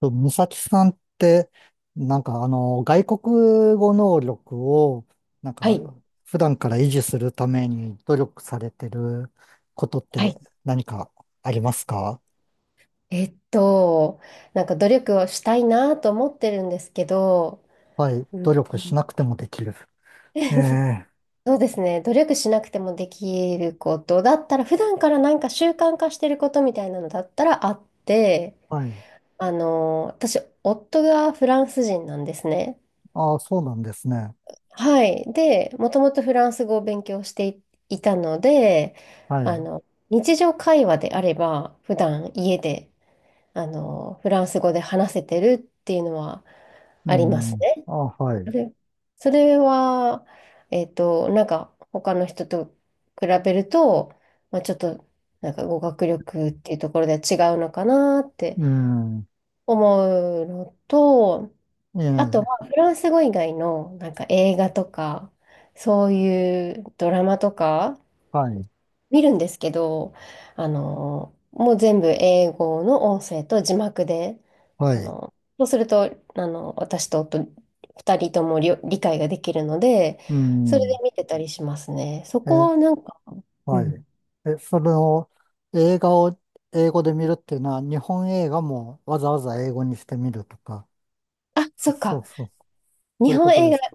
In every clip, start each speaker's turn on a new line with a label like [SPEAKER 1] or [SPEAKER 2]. [SPEAKER 1] と、美咲さんって、なんか外国語能力を、なん
[SPEAKER 2] は
[SPEAKER 1] か、
[SPEAKER 2] い。
[SPEAKER 1] 普段から維持するために努力されてることっ
[SPEAKER 2] はい。
[SPEAKER 1] て何かありますか？
[SPEAKER 2] えっと、なんか努力をしたいなと思ってるんですけど、
[SPEAKER 1] はい。
[SPEAKER 2] うん。
[SPEAKER 1] 努力 しなくてもできる。ええ。
[SPEAKER 2] そうですね。努力しなくてもできることだったら、普段からなんか習慣化してることみたいなのだったらあって、
[SPEAKER 1] はい。
[SPEAKER 2] 私、夫がフランス人なんですね。
[SPEAKER 1] ああ、そうなんですね。
[SPEAKER 2] はい。で、もともとフランス語を勉強していたので、
[SPEAKER 1] は
[SPEAKER 2] あ
[SPEAKER 1] い。
[SPEAKER 2] の、日常会話であれば、普段家でフランス語で話せてるっていうのは
[SPEAKER 1] う
[SPEAKER 2] あります
[SPEAKER 1] ん。
[SPEAKER 2] ね。
[SPEAKER 1] ああ、は
[SPEAKER 2] そ
[SPEAKER 1] い。
[SPEAKER 2] れ、それは、なんか他の人と比べると、まあ、ちょっとなんか語学力っていうところで違うのかなって
[SPEAKER 1] うん。
[SPEAKER 2] 思うのと、
[SPEAKER 1] え
[SPEAKER 2] あとは
[SPEAKER 1] え。
[SPEAKER 2] フランス語以外のなんか映画とか、そういうドラマとか、
[SPEAKER 1] はい。
[SPEAKER 2] 見るんですけど、もう全部英語の音声と字幕で、
[SPEAKER 1] はい。
[SPEAKER 2] そうすると、私と夫、二人とも理解ができるので、
[SPEAKER 1] う
[SPEAKER 2] それで
[SPEAKER 1] ん。
[SPEAKER 2] 見てたりしますね。そ
[SPEAKER 1] え
[SPEAKER 2] こ
[SPEAKER 1] え。
[SPEAKER 2] はなんか、う
[SPEAKER 1] はい。
[SPEAKER 2] ん。
[SPEAKER 1] え、それを映画を英語で見るっていうのは、日本映画もわざわざ英語にしてみるとか、
[SPEAKER 2] あ、
[SPEAKER 1] そ、
[SPEAKER 2] そっ
[SPEAKER 1] そ
[SPEAKER 2] か。
[SPEAKER 1] うそう、そう
[SPEAKER 2] 日
[SPEAKER 1] いう
[SPEAKER 2] 本
[SPEAKER 1] こと
[SPEAKER 2] 映
[SPEAKER 1] で
[SPEAKER 2] 画、
[SPEAKER 1] すか？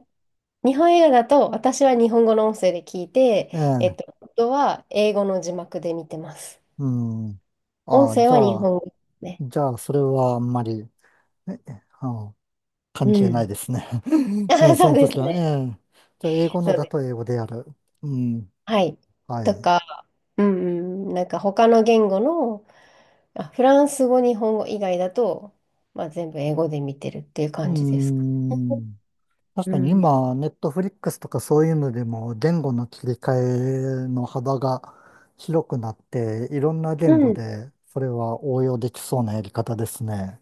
[SPEAKER 2] 日本映画だと、私は日本語の音声で聞いて、
[SPEAKER 1] ええ、
[SPEAKER 2] 夫は英語の字幕で見てます。
[SPEAKER 1] うん。
[SPEAKER 2] 音
[SPEAKER 1] ああ、
[SPEAKER 2] 声
[SPEAKER 1] じゃ
[SPEAKER 2] は日
[SPEAKER 1] あ、
[SPEAKER 2] 本語ですね。
[SPEAKER 1] じゃあ、それはあんまり、え、えあの関
[SPEAKER 2] う
[SPEAKER 1] 係ない
[SPEAKER 2] ん。
[SPEAKER 1] ですね。ええ、
[SPEAKER 2] あ、
[SPEAKER 1] そ
[SPEAKER 2] そう
[SPEAKER 1] の
[SPEAKER 2] です
[SPEAKER 1] 時は、え
[SPEAKER 2] ね。
[SPEAKER 1] え、じゃあ、英語の
[SPEAKER 2] そう
[SPEAKER 1] だ
[SPEAKER 2] で
[SPEAKER 1] と
[SPEAKER 2] す。
[SPEAKER 1] 英語でやる。うん。
[SPEAKER 2] はい。
[SPEAKER 1] はい。
[SPEAKER 2] と
[SPEAKER 1] う
[SPEAKER 2] か、うんうん、なんか他の言語の、あ、フランス語、日本語以外だと、まあ、全部英語で見てるっていう
[SPEAKER 1] ー
[SPEAKER 2] 感じですか？
[SPEAKER 1] ん。確
[SPEAKER 2] う
[SPEAKER 1] かに
[SPEAKER 2] ん。
[SPEAKER 1] 今、ネットフリックスとかそういうのでも言語の切り替えの幅が広くなって、いろんな言
[SPEAKER 2] う
[SPEAKER 1] 語
[SPEAKER 2] ん。
[SPEAKER 1] でそれは応用できそうなやり方ですね。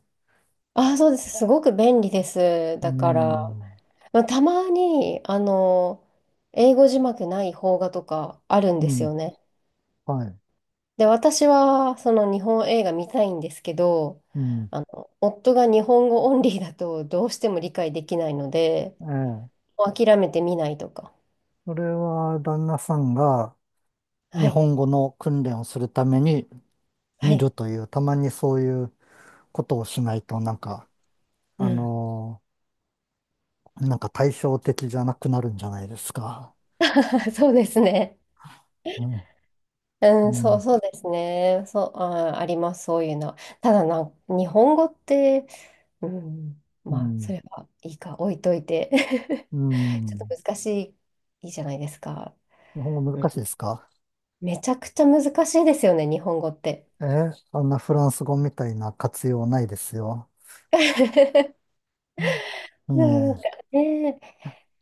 [SPEAKER 2] あ、そうです。すごく便利です。
[SPEAKER 1] う
[SPEAKER 2] だから、
[SPEAKER 1] ん。
[SPEAKER 2] まあ、たまに、英語字幕ない邦画とかあるんで
[SPEAKER 1] う
[SPEAKER 2] す
[SPEAKER 1] ん。
[SPEAKER 2] よね。
[SPEAKER 1] はい。
[SPEAKER 2] で、私は、その日本映画見たいんですけど、
[SPEAKER 1] うん。
[SPEAKER 2] 夫が日本語オンリーだとどうしても理解できないので、
[SPEAKER 1] ええ。
[SPEAKER 2] もう諦めて見ないとか。
[SPEAKER 1] それは旦那さんが日
[SPEAKER 2] はい。
[SPEAKER 1] 本語の訓練をするために
[SPEAKER 2] は
[SPEAKER 1] 見
[SPEAKER 2] い。
[SPEAKER 1] るという、たまにそういうことをしないとなんか、
[SPEAKER 2] う
[SPEAKER 1] あ
[SPEAKER 2] ん。
[SPEAKER 1] の対照的じゃなくなるんじゃないですか？
[SPEAKER 2] そうですね。
[SPEAKER 1] うん。
[SPEAKER 2] うん、
[SPEAKER 1] うん。
[SPEAKER 2] そうですね。そう、あります、そういうの。ただ、日本語って、うん、
[SPEAKER 1] う
[SPEAKER 2] まあ、そ
[SPEAKER 1] ん。
[SPEAKER 2] れはいいか、置いといて。
[SPEAKER 1] う
[SPEAKER 2] ちょっと
[SPEAKER 1] ん。
[SPEAKER 2] 難しいじゃないですか。
[SPEAKER 1] 日本語
[SPEAKER 2] う
[SPEAKER 1] 難しいで
[SPEAKER 2] ん。
[SPEAKER 1] すか？
[SPEAKER 2] めちゃくちゃ難しいですよね、日本語って。
[SPEAKER 1] あんなフランス語みたいな活用ないですよ。
[SPEAKER 2] で
[SPEAKER 1] うん。
[SPEAKER 2] もな
[SPEAKER 1] ね
[SPEAKER 2] んかね、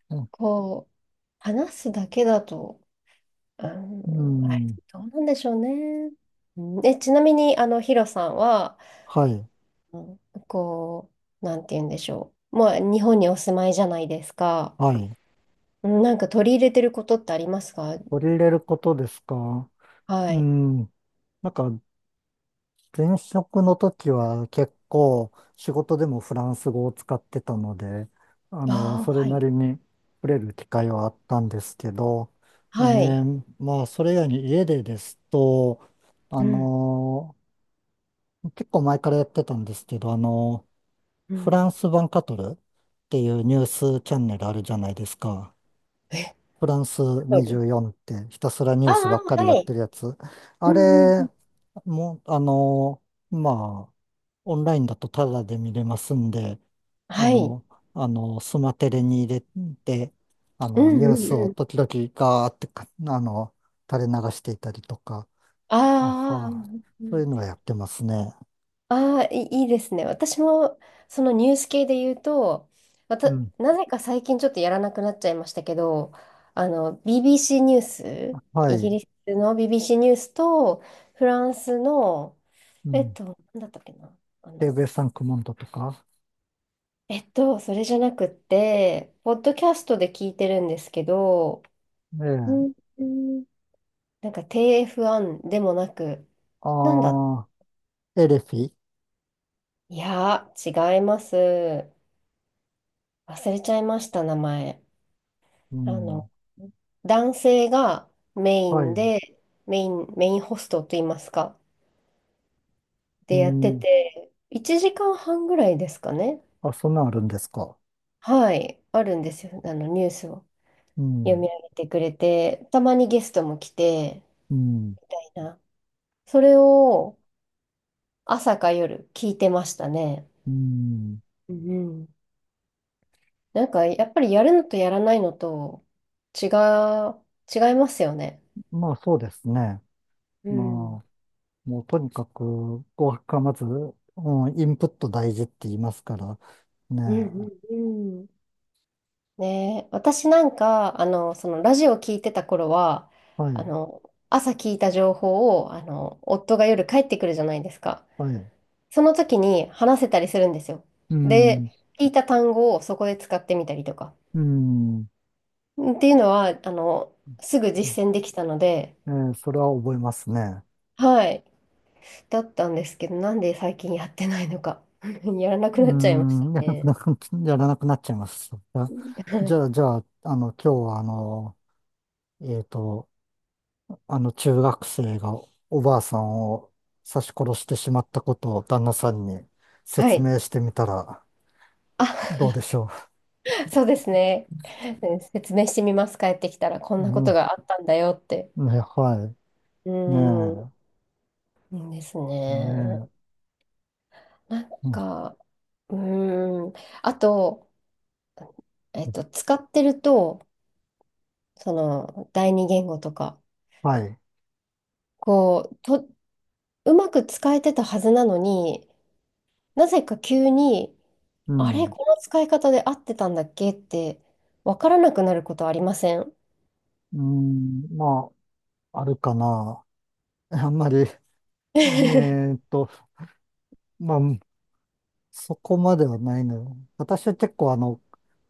[SPEAKER 1] え。う
[SPEAKER 2] こう、話すだけだと、う
[SPEAKER 1] ん。う
[SPEAKER 2] ん、あれ、
[SPEAKER 1] ん。
[SPEAKER 2] どうなんでしょうね。うん。ちなみに、ヒロさんは、
[SPEAKER 1] はい。
[SPEAKER 2] うん、こう、なんて言うんでしょう。まあ、日本にお住まいじゃないですか。
[SPEAKER 1] はい。
[SPEAKER 2] うん。なんか取り入れてることってありますか？
[SPEAKER 1] 取り入れることですか？
[SPEAKER 2] は
[SPEAKER 1] う
[SPEAKER 2] い。
[SPEAKER 1] ん。なんか、前職の時は結構仕事でもフランス語を使ってたので、
[SPEAKER 2] あ
[SPEAKER 1] そ
[SPEAKER 2] あ、
[SPEAKER 1] れ
[SPEAKER 2] は
[SPEAKER 1] な
[SPEAKER 2] い。
[SPEAKER 1] りに触れる機会はあったんですけど、
[SPEAKER 2] はい。
[SPEAKER 1] まあ、それ以外に家でですと、あ
[SPEAKER 2] うん、
[SPEAKER 1] の、結構前からやってたんですけど、
[SPEAKER 2] う
[SPEAKER 1] フラ
[SPEAKER 2] ん。
[SPEAKER 1] ンスワンカトルっていうニュースチャンネルあるじゃないですか？
[SPEAKER 2] え、
[SPEAKER 1] フランス
[SPEAKER 2] 取る。
[SPEAKER 1] 24ってひたすらニュ
[SPEAKER 2] あ
[SPEAKER 1] ースばっか
[SPEAKER 2] あ、
[SPEAKER 1] りや
[SPEAKER 2] は
[SPEAKER 1] っ
[SPEAKER 2] い。
[SPEAKER 1] てるやつ。あ
[SPEAKER 2] うん、うん、う
[SPEAKER 1] れ
[SPEAKER 2] ん。
[SPEAKER 1] も、あの、まあ、オンラインだとタダで見れますんで、あ
[SPEAKER 2] はい。
[SPEAKER 1] の、スマテレに入れて、
[SPEAKER 2] う
[SPEAKER 1] ニ
[SPEAKER 2] んう
[SPEAKER 1] ュー
[SPEAKER 2] ん
[SPEAKER 1] ス
[SPEAKER 2] う
[SPEAKER 1] を
[SPEAKER 2] ん。
[SPEAKER 1] 時々ガーってか、垂れ流していたりとか、あ
[SPEAKER 2] ああ、う
[SPEAKER 1] は、
[SPEAKER 2] んう
[SPEAKER 1] そうい
[SPEAKER 2] ん。
[SPEAKER 1] うのはやってますね。
[SPEAKER 2] ああ、いいですね。私も、そのニュース系で言うと、ま
[SPEAKER 1] う
[SPEAKER 2] た、
[SPEAKER 1] ん。
[SPEAKER 2] なぜか最近ちょっとやらなくなっちゃいましたけど、BBC ニュース、
[SPEAKER 1] は
[SPEAKER 2] イギ
[SPEAKER 1] い。
[SPEAKER 2] リスの BBC ニュースと、フランスの、
[SPEAKER 1] うん。
[SPEAKER 2] なんだったっけな、あ
[SPEAKER 1] テー
[SPEAKER 2] の、
[SPEAKER 1] ブルさん、クモンドとか。
[SPEAKER 2] それじゃなくって、ポッドキャストで聞いてるんですけど、
[SPEAKER 1] え
[SPEAKER 2] う
[SPEAKER 1] え。
[SPEAKER 2] んうん、なんか t f ンでもなく、なんだ、
[SPEAKER 1] ああ、エレフィ。
[SPEAKER 2] いやー、違います。忘れちゃいました、名前。
[SPEAKER 1] う
[SPEAKER 2] あ
[SPEAKER 1] ん。
[SPEAKER 2] の、男性がメイ
[SPEAKER 1] は
[SPEAKER 2] ン
[SPEAKER 1] い。
[SPEAKER 2] で、メインホストといいますか、
[SPEAKER 1] う
[SPEAKER 2] でやって
[SPEAKER 1] ん。
[SPEAKER 2] て、1時間半ぐらいですかね。
[SPEAKER 1] あ、そんなんあるんですか？
[SPEAKER 2] はい、あるんですよ。ニュースを
[SPEAKER 1] う
[SPEAKER 2] 読み
[SPEAKER 1] ん。
[SPEAKER 2] 上げてくれて、たまにゲストも来て、
[SPEAKER 1] うん。
[SPEAKER 2] みたいな、それを朝か夜聞いてましたね。
[SPEAKER 1] うん。
[SPEAKER 2] うん。なんか、やっぱりやるのとやらないのと違う、違いますよね。
[SPEAKER 1] まあ、そうですね。
[SPEAKER 2] うん。
[SPEAKER 1] まあ、もうとにかく、語学がまず、うん、インプット大事って言いますから、ね
[SPEAKER 2] うん
[SPEAKER 1] え。
[SPEAKER 2] うんうん。ね、私なんか、そのラジオ聞いてた頃は、
[SPEAKER 1] は
[SPEAKER 2] あ
[SPEAKER 1] い。
[SPEAKER 2] の、朝聞いた情報を、夫が夜帰ってくるじゃないですか。
[SPEAKER 1] はい。
[SPEAKER 2] その時に話せたりするんですよ。
[SPEAKER 1] うん。
[SPEAKER 2] で、聞いた単語をそこで使ってみたりとか。
[SPEAKER 1] うん。
[SPEAKER 2] っていうのは、すぐ実践できたので、
[SPEAKER 1] ええ、それは覚えますね。
[SPEAKER 2] はい、だったんですけど、なんで最近やってないのか。やらな
[SPEAKER 1] う
[SPEAKER 2] くなっちゃいまし
[SPEAKER 1] ー
[SPEAKER 2] た。
[SPEAKER 1] ん、やらなくなっちゃいます。じゃあ、
[SPEAKER 2] は
[SPEAKER 1] じ
[SPEAKER 2] い。
[SPEAKER 1] ゃあ、じゃあ、今日は、えっと、あの中学生がおばあさんを刺し殺してしまったことを旦那さんに
[SPEAKER 2] は
[SPEAKER 1] 説
[SPEAKER 2] い。
[SPEAKER 1] 明してみたら
[SPEAKER 2] あ、
[SPEAKER 1] どうで しょ
[SPEAKER 2] そうですね。説明してみます。帰ってきたらこ
[SPEAKER 1] う？
[SPEAKER 2] んな
[SPEAKER 1] う
[SPEAKER 2] こと
[SPEAKER 1] ん。
[SPEAKER 2] があったんだよって。
[SPEAKER 1] ね、は
[SPEAKER 2] う
[SPEAKER 1] い。
[SPEAKER 2] ー
[SPEAKER 1] ね
[SPEAKER 2] ん、です
[SPEAKER 1] え。
[SPEAKER 2] ね。
[SPEAKER 1] ね
[SPEAKER 2] なん
[SPEAKER 1] え。うん。
[SPEAKER 2] か、うーん。あと、使ってると、その、第二言語とか、
[SPEAKER 1] はい。
[SPEAKER 2] こう、うまく使えてたはずなのに、なぜか急に、
[SPEAKER 1] う
[SPEAKER 2] あれ、
[SPEAKER 1] ん。
[SPEAKER 2] この使い方で合ってたんだっけって、わからなくなることありません？
[SPEAKER 1] うん。まあ、あるかな。あんまり、ーっと、まあ、そこまではないの。私は結構あの、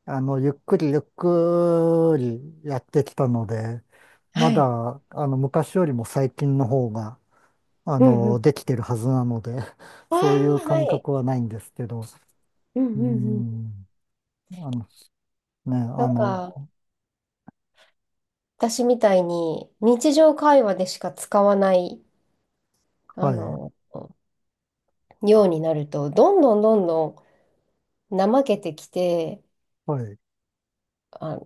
[SPEAKER 1] あの、ゆっくりゆっくりやってきたので、ま
[SPEAKER 2] はい。
[SPEAKER 1] だ、昔よりも最近の方が、
[SPEAKER 2] うんうん。
[SPEAKER 1] できてるはずなので、
[SPEAKER 2] ああ、
[SPEAKER 1] そういう
[SPEAKER 2] は
[SPEAKER 1] 感
[SPEAKER 2] い。
[SPEAKER 1] 覚はないんですけど、
[SPEAKER 2] うん
[SPEAKER 1] う
[SPEAKER 2] うんうん。
[SPEAKER 1] ん、あの、ね、
[SPEAKER 2] なんか、私みたいに、日常会話でしか使わない、
[SPEAKER 1] は
[SPEAKER 2] あ
[SPEAKER 1] い、
[SPEAKER 2] の、ようになると、どんどんどんどん怠けてきて、
[SPEAKER 1] はい、う
[SPEAKER 2] あ、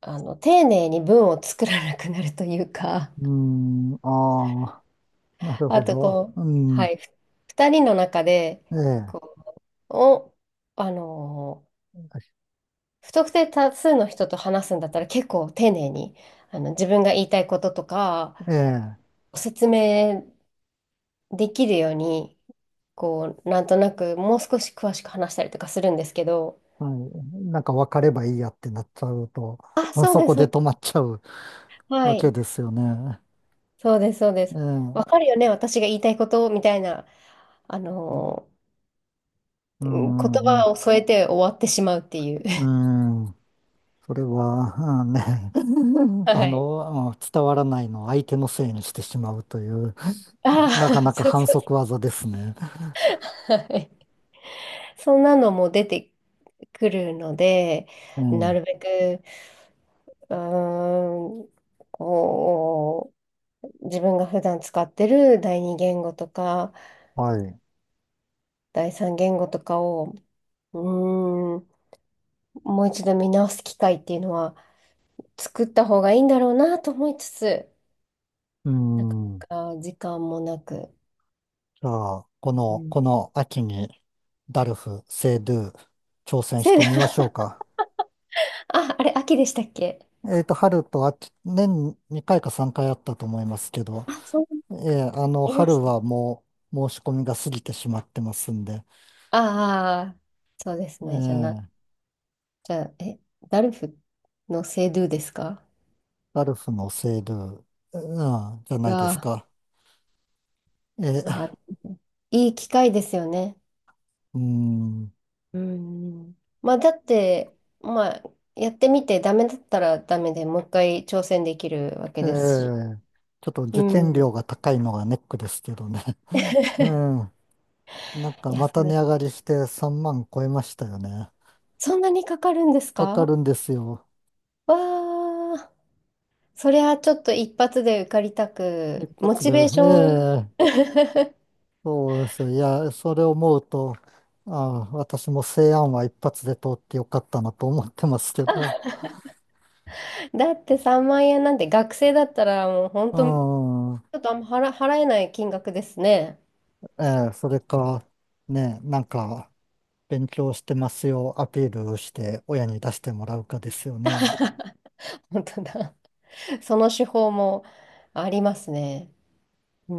[SPEAKER 2] 丁寧に文を作らなくなるというか、
[SPEAKER 1] ん、ああ、な る
[SPEAKER 2] あ
[SPEAKER 1] ほ
[SPEAKER 2] と
[SPEAKER 1] ど、
[SPEAKER 2] こう、
[SPEAKER 1] う
[SPEAKER 2] は
[SPEAKER 1] ん、
[SPEAKER 2] い、二人の中で、
[SPEAKER 1] ええ、
[SPEAKER 2] こう、お、あのー、不特定多数の人と話すんだったら結構丁寧に、自分が言いたいこととか、
[SPEAKER 1] ええ、
[SPEAKER 2] 説明できるように、こう、なんとなくもう少し詳しく話したりとかするんですけど、
[SPEAKER 1] はい、なんか分かればいいやってなっちゃうと、
[SPEAKER 2] あ、
[SPEAKER 1] まあ
[SPEAKER 2] そう
[SPEAKER 1] そ
[SPEAKER 2] で
[SPEAKER 1] こ
[SPEAKER 2] す。
[SPEAKER 1] で止まっちゃう
[SPEAKER 2] は
[SPEAKER 1] わ
[SPEAKER 2] い。
[SPEAKER 1] けですよね。
[SPEAKER 2] そうです、そうです。
[SPEAKER 1] ええ、う
[SPEAKER 2] わかるよね、私が言いたいことみたいな、あのー言
[SPEAKER 1] ん、うん、
[SPEAKER 2] 葉を添えて終わってしまうっていう。
[SPEAKER 1] うん、それは、うん、ね、
[SPEAKER 2] はい。
[SPEAKER 1] うん、伝わらないのを相手のせいにしてしまうという。
[SPEAKER 2] あ
[SPEAKER 1] なか
[SPEAKER 2] あ、
[SPEAKER 1] なか
[SPEAKER 2] そうそ
[SPEAKER 1] 反
[SPEAKER 2] う
[SPEAKER 1] 則技ですね。
[SPEAKER 2] そう。はい。そんなのも出てくるので、
[SPEAKER 1] う
[SPEAKER 2] な
[SPEAKER 1] ん。
[SPEAKER 2] るべく、うーん、こう、自分が普段使ってる第二言語とか、
[SPEAKER 1] はい。
[SPEAKER 2] 第三言語とかを、うーん、もう一度見直す機会っていうのは作った方がいいんだろうなと思いつつ、
[SPEAKER 1] う
[SPEAKER 2] なかな
[SPEAKER 1] ん。じ
[SPEAKER 2] か時間もなく。
[SPEAKER 1] ゃあ、
[SPEAKER 2] うん。
[SPEAKER 1] この秋にダルフ、セイドゥ、挑戦し
[SPEAKER 2] せ
[SPEAKER 1] て
[SPEAKER 2] な、
[SPEAKER 1] みましょう か？
[SPEAKER 2] あ、あれ、秋でしたっけ？
[SPEAKER 1] 春と秋、年2回か3回あったと思いますけど、
[SPEAKER 2] あ、そう、いまし
[SPEAKER 1] 春
[SPEAKER 2] たっけ。
[SPEAKER 1] はもう申し込みが過ぎてしまってますんで、
[SPEAKER 2] ああ、そうです
[SPEAKER 1] え
[SPEAKER 2] ね。
[SPEAKER 1] ー
[SPEAKER 2] じゃあ、ダルフのセドゥですか？
[SPEAKER 1] ダルフのセイドゥ、うん、じゃないです
[SPEAKER 2] が、
[SPEAKER 1] か？え
[SPEAKER 2] あ
[SPEAKER 1] ー
[SPEAKER 2] ー、いい機会ですよね。
[SPEAKER 1] うん。
[SPEAKER 2] うん。まあ、だって、まあ、やってみてダメだったらダメでもう一回挑戦できるわけ
[SPEAKER 1] え
[SPEAKER 2] ですし。
[SPEAKER 1] ーちょっと受
[SPEAKER 2] うん。
[SPEAKER 1] 験料が高いのがネックですけどね。うん。なん
[SPEAKER 2] い
[SPEAKER 1] か
[SPEAKER 2] や、
[SPEAKER 1] ま
[SPEAKER 2] そう
[SPEAKER 1] た
[SPEAKER 2] で
[SPEAKER 1] 値上が
[SPEAKER 2] す。
[SPEAKER 1] りして3万超えましたよね。
[SPEAKER 2] そんなにかかるんです
[SPEAKER 1] か
[SPEAKER 2] か？
[SPEAKER 1] か
[SPEAKER 2] わ
[SPEAKER 1] るんですよ。
[SPEAKER 2] ー。それはちょっと一発で受かりた
[SPEAKER 1] 一
[SPEAKER 2] く、モ
[SPEAKER 1] 発
[SPEAKER 2] チ
[SPEAKER 1] で。
[SPEAKER 2] ベーション。
[SPEAKER 1] ええ、そうですよ。いや、それを思うと、ああ、私も西安は一発で通ってよかったなと思ってますけど。
[SPEAKER 2] だって3万円なんて学生だったらもう本
[SPEAKER 1] う
[SPEAKER 2] 当、ち
[SPEAKER 1] ん。
[SPEAKER 2] ょっとあんま払えない金額ですね。
[SPEAKER 1] ええ、それか、ね、なんか、勉強してますよ、アピールして親に出してもらうかですよね。
[SPEAKER 2] 本当だ。その手法もありますね。